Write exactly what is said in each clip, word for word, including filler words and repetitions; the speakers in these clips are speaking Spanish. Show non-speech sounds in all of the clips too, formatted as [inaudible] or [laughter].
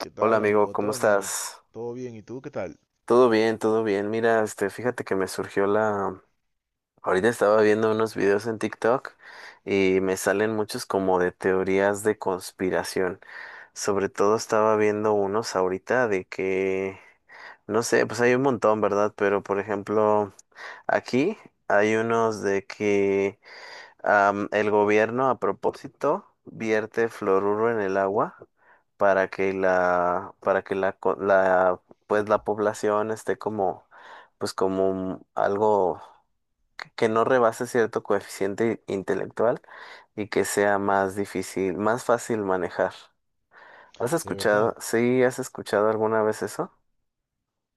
¿Qué Hola tal, amigo, amigo ¿cómo Tony? estás? ¿Todo bien? ¿Y tú qué tal? Todo bien, todo bien. Mira, este, fíjate que me surgió la... Ahorita estaba viendo unos videos en TikTok y me salen muchos como de teorías de conspiración. Sobre todo estaba viendo unos ahorita de que, no sé, pues hay un montón, ¿verdad? Pero por ejemplo, aquí hay unos de que Am, el gobierno, a propósito, vierte fluoruro en el agua para que la, para que la, co- la, pues la población esté como, pues como un- algo que que no rebase cierto coeficiente intelectual y que sea más difícil, más fácil manejar. ¿Has De escuchado? verdad, ¿Sí has escuchado alguna vez eso?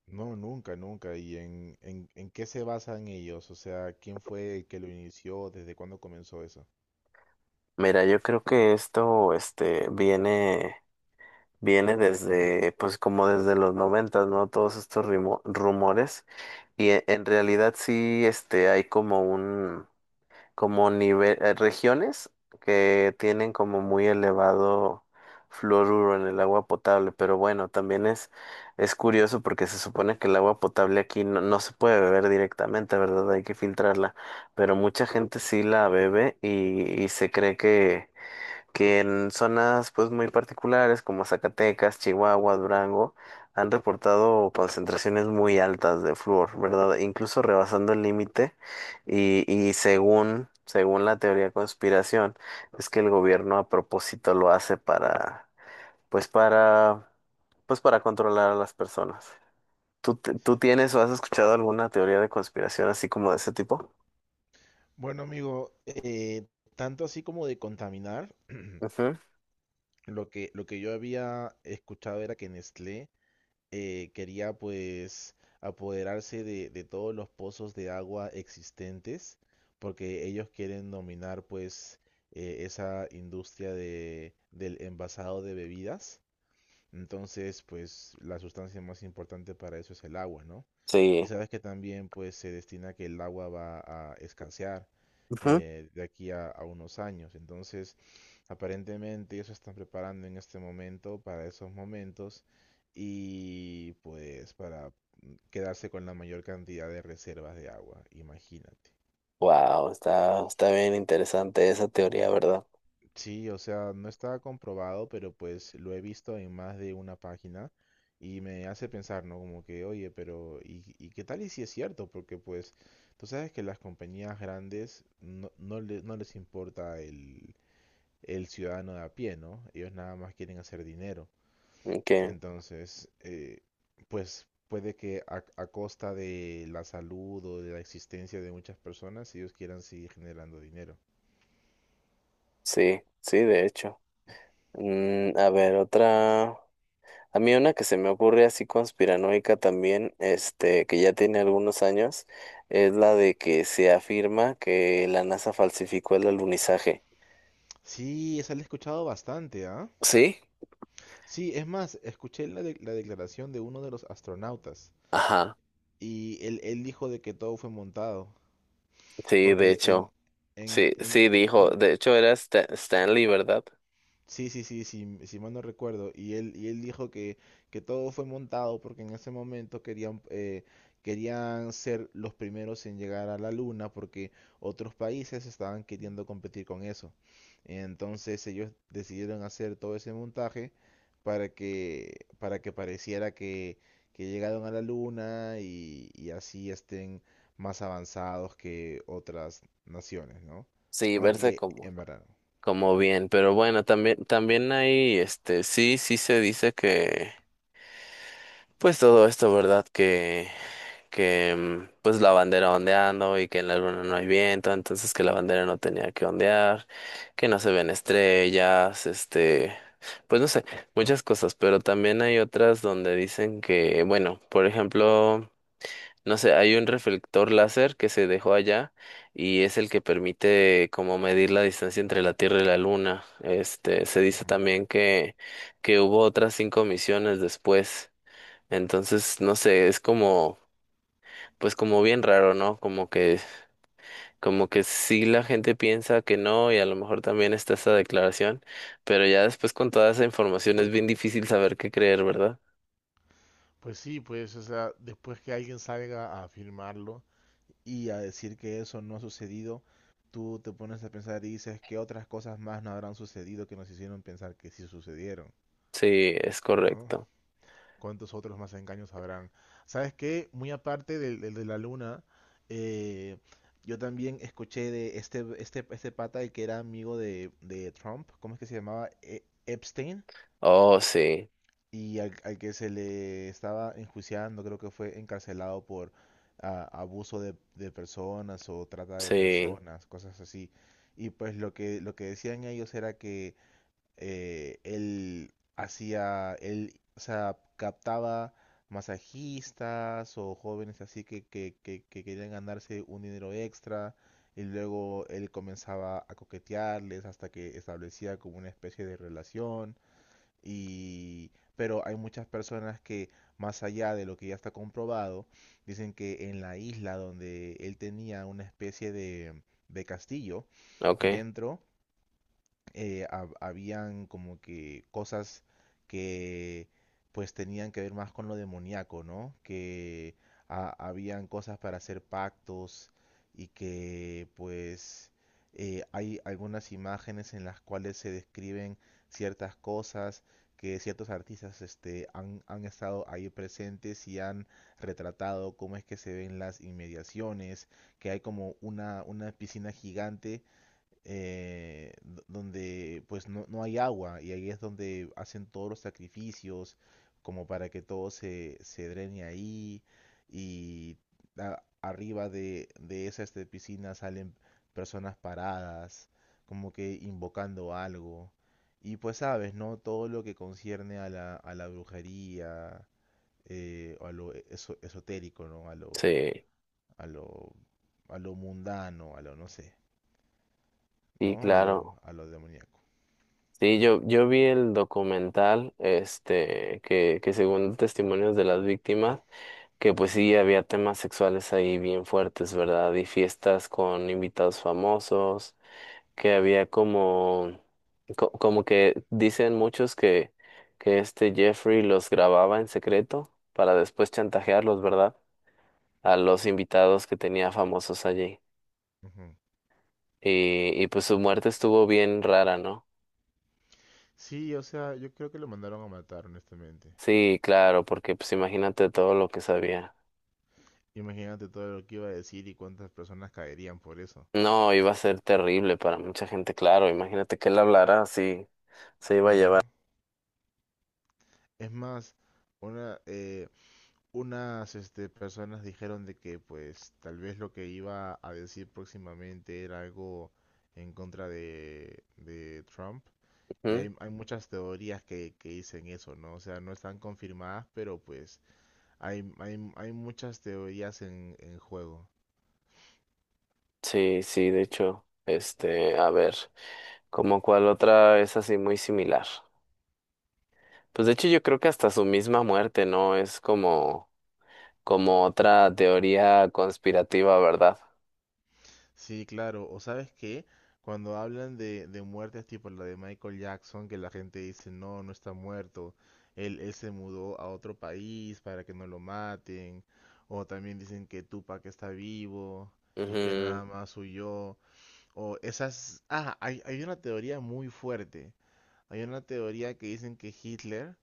no, nunca, nunca. ¿Y en, en, en qué se basan ellos? O sea, ¿quién fue el que lo inició? ¿Desde cuándo comenzó eso? Mira, yo creo que esto, este, viene, viene desde, pues como desde los noventas, ¿no? Todos estos rimo- rumores. Y e- en realidad sí, este, hay como un, como nivel, eh, regiones que tienen como muy elevado fluoruro en el agua potable, pero bueno, también es, es curioso porque se supone que el agua potable aquí no, no se puede beber directamente, ¿verdad? Hay que filtrarla, pero mucha gente sí la bebe y, y se cree que que en zonas pues muy particulares como Zacatecas, Chihuahua, Durango, han reportado concentraciones muy altas de flúor, ¿verdad? Incluso rebasando el límite y, y según, según la teoría de conspiración, es que el gobierno a propósito lo hace para, pues para, pues para controlar a las personas. ¿Tú, te- ¿tú tienes o has escuchado alguna teoría de conspiración así como de ese tipo? Bueno, amigo, eh, tanto así como de contaminar, Ujú. lo que, lo que yo había escuchado era que Nestlé eh, quería pues apoderarse de, de todos los pozos de agua existentes, porque ellos quieren dominar pues eh, esa industria de, del envasado de bebidas. Entonces, pues la sustancia más importante para eso es el agua, ¿no? Y Sí. sabes que también pues se destina que el agua va a escasear eh, de aquí a, a unos años. Entonces, aparentemente ellos se están preparando en este momento para esos momentos y pues para quedarse con la mayor cantidad de reservas de agua, imagínate. Wow, está, está bien interesante esa teoría, ¿verdad? Sí, o sea, no está comprobado, pero pues lo he visto en más de una página y me hace pensar, ¿no? Como que, oye, pero ¿y, y qué tal y si es cierto? Porque pues tú sabes que las compañías grandes no, no, le- no les importa el, el ciudadano de a pie, ¿no? Ellos nada más quieren hacer dinero. Que Entonces, eh, pues puede que a, a costa de la salud o de la existencia de muchas personas, ellos quieran seguir generando dinero. sí, sí, de hecho. Mm, a ver, otra. A mí una que se me ocurre así conspiranoica también, este, que ya tiene algunos años, es la de que se afirma que la N A S A falsificó el alunizaje. Sí, esa la he escuchado bastante, ¿ah? ¿Sí? Sí, es más, escuché la, de- la declaración de uno de los astronautas Ajá. y él, él dijo de que todo fue montado, Sí, de porque en, hecho. en, Sí, en, sí, dijo. ¿no? De hecho, era Stan- Stanley, ¿verdad? Sí, sí, sí, sí, si mal no recuerdo. Y él, y él dijo que, que todo fue montado porque en ese momento querían, eh, querían ser los primeros en llegar a la luna porque otros países estaban queriendo competir con eso. Entonces ellos decidieron hacer todo ese montaje para que, para que pareciera que, que llegaron a la luna y, y así estén más avanzados que otras naciones, ¿no? Sí, verse Aunque como, en verdad como bien. Pero bueno, también, también hay, este, sí, sí se dice que pues todo esto, ¿verdad? Que, que mm, pues la bandera ondeando y que en la luna no hay viento, entonces que la bandera no tenía que ondear, que no se ven estrellas, este, pues no sé, muchas cosas, pero también hay otras donde dicen que, bueno, por ejemplo, no sé, hay un reflector láser que se dejó allá y es el que permite como medir la distancia entre la Tierra y la Luna. Este, se dice no. también que, que hubo otras cinco misiones después. Entonces, no sé, es como, pues como bien raro, ¿no? Como que, como que sí la gente piensa que no y a lo mejor también está esa declaración, pero ya después con toda esa información es bien difícil saber qué creer, ¿verdad? Pues sí, pues, o sea, después que alguien salga a afirmarlo y a decir que eso no ha sucedido, tú te pones a pensar y dices que otras cosas más no habrán sucedido que nos hicieron pensar que sí sucedieron, Sí, es ¿no? correcto. ¿Cuántos otros más engaños habrán? ¿Sabes qué? Muy aparte del, del de la luna, eh, yo también escuché de este, este, este pata el que era amigo de, de Trump, ¿cómo es que se llamaba? E- Epstein. Oh, sí, Y al, al que se le estaba enjuiciando, creo que fue encarcelado por ah, abuso de, de personas o trata de sí, personas, cosas así. Y pues lo que, lo que decían ellos era que eh, él hacía, él, o sea, captaba masajistas o jóvenes así que, que, que, que querían ganarse un dinero extra y luego él comenzaba a coquetearles hasta que establecía como una especie de relación y, pero hay muchas personas que, más allá de lo que ya está comprobado, dicen que en la isla donde él tenía una especie de, de castillo okay, dentro, eh, hab- habían como que cosas que pues tenían que ver más con lo demoníaco, ¿no? Que ha- habían cosas para hacer pactos y que pues eh, hay algunas imágenes en las cuales se describen ciertas cosas que ciertos artistas este, han, han estado ahí presentes y han retratado cómo es que se ven las inmediaciones, que hay como una, una piscina gigante eh, do- donde pues no, no hay agua y ahí es donde hacen todos los sacrificios como para que todo se, se drene ahí y a- arriba de, de esa este, piscina salen personas paradas como que invocando algo y pues sabes, ¿no? Todo lo que concierne a la, a la brujería eh, o a lo e-, eso- esotérico, ¿no? A lo, sí, a lo, a lo mundano, a lo no sé, sí, ¿no? A lo, claro. A lo demoníaco. Sí, yo, yo vi el documental, este, que, que según testimonios de las víctimas, que pues sí, había temas sexuales ahí bien fuertes, ¿verdad? Y fiestas con invitados famosos, que había como, co- como que dicen muchos que, que este Jeffrey los grababa en secreto para después chantajearlos, ¿verdad? A los invitados que tenía famosos allí. Ujú. Y, y pues su muerte estuvo bien rara, ¿no? Sí, o sea, yo creo que lo mandaron a matar, honestamente. Sí, claro, porque pues imagínate todo lo que sabía. Imagínate todo lo que iba a decir y cuántas personas caerían por eso, No, iba a ser terrible para mucha gente, claro. Imagínate que él hablara así, se iba a llevar. ¿no? Es más, una, eh, unas este, personas dijeron de que pues tal vez lo que iba a decir próximamente era algo en contra de, de Trump. Y Ujú. hay, hay muchas teorías que, que dicen eso, ¿no? O sea, no están confirmadas, pero pues hay, hay, hay muchas teorías en, en juego. Sí, sí, de hecho, este, a ver, como cuál otra es así muy similar. Pues de hecho yo creo que hasta su misma muerte, ¿no? Es como, como otra teoría conspirativa, ¿verdad? Sí, claro. O sabes qué, cuando hablan de, de muertes tipo la de Michael Jackson, que la gente dice, no, no está muerto, él, él se mudó a otro país para que no lo maten, o también dicen que Tupac está vivo y que Ujú. nada más huyó, o esas... Ah, hay, hay una teoría muy fuerte, hay una teoría que dicen que Hitler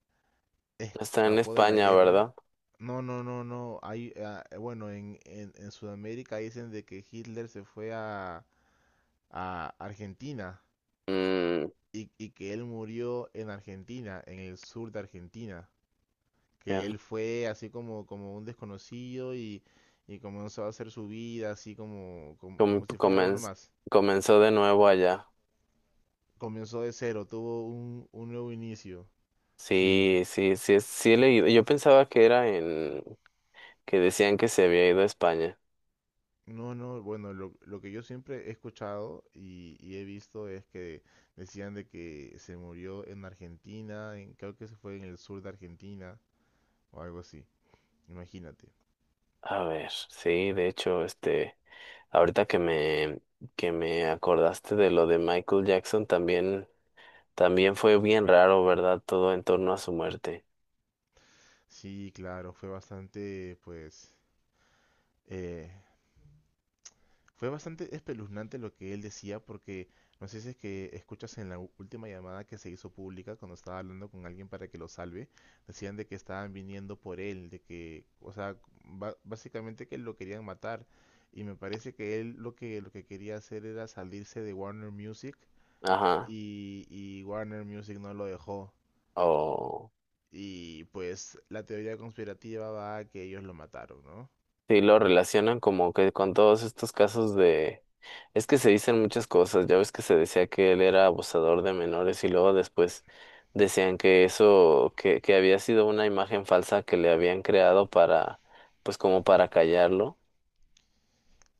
¿Está en escapó de la España, guerra. ¿verdad? No, no, no, no, hay, ah, bueno, en, en, en Sudamérica dicen de que Hitler se fue a a Argentina Mm, y, y que él murió en Argentina, en el sur de Argentina, que ya, él fue así como, como un desconocido y, y comenzó a hacer su vida así como, como, com- como si fuera uno comenz- más. comenzó de nuevo allá. Comenzó de cero, tuvo un, un nuevo inicio. Sí. Sí, sí, sí, es- sí he leído. Yo pensaba que era en, que decían que se había ido a España. No, no, bueno, lo, lo que yo siempre he escuchado y, y he visto es que decían de que se murió en Argentina, en, creo que se fue en el sur de Argentina o algo así, imagínate. A ver, sí, de hecho, este. Ahorita que me, que me acordaste de lo de Michael Jackson, también, también fue bien raro, ¿verdad? Todo en torno a su muerte. Sí, claro, fue bastante, pues, eh, fue bastante espeluznante lo que él decía porque no sé si es que escuchas en la u- última llamada que se hizo pública cuando estaba hablando con alguien para que lo salve, decían de que estaban viniendo por él, de que, o sea, ba- básicamente que lo querían matar y me parece que él lo que lo que quería hacer era salirse de Warner Music Ajá. y, y Warner Music no lo dejó O y pues la teoría conspirativa va a que ellos lo mataron, ¿no? sí, lo relacionan como que con todos estos casos de... Es que se dicen muchas cosas. Ya ves que se decía que él era abusador de menores y luego después decían que eso, que, que había sido una imagen falsa que le habían creado para, pues como para callarlo.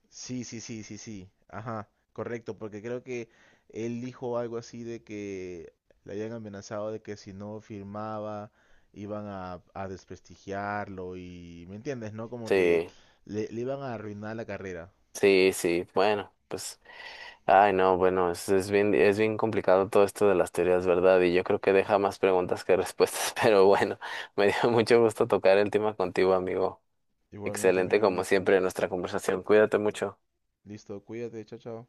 Sí, sí, sí, sí, sí. Ajá, correcto, porque creo que él dijo algo así de que le habían amenazado de que si no firmaba iban a, a desprestigiarlo y, ¿me entiendes? ¿No? Como que Sí, le, le iban a arruinar la carrera. sí, sí. Bueno, pues. Ay, no, bueno, es, es bien, es bien complicado todo esto de las teorías, ¿verdad? Y yo creo que deja más preguntas que respuestas, [laughs] pero bueno, me dio mucho gusto tocar el tema contigo, amigo. Igualmente, Excelente amigo, como listo. siempre nuestra conversación. Cuídate mucho. Listo, cuídate, chao, chao.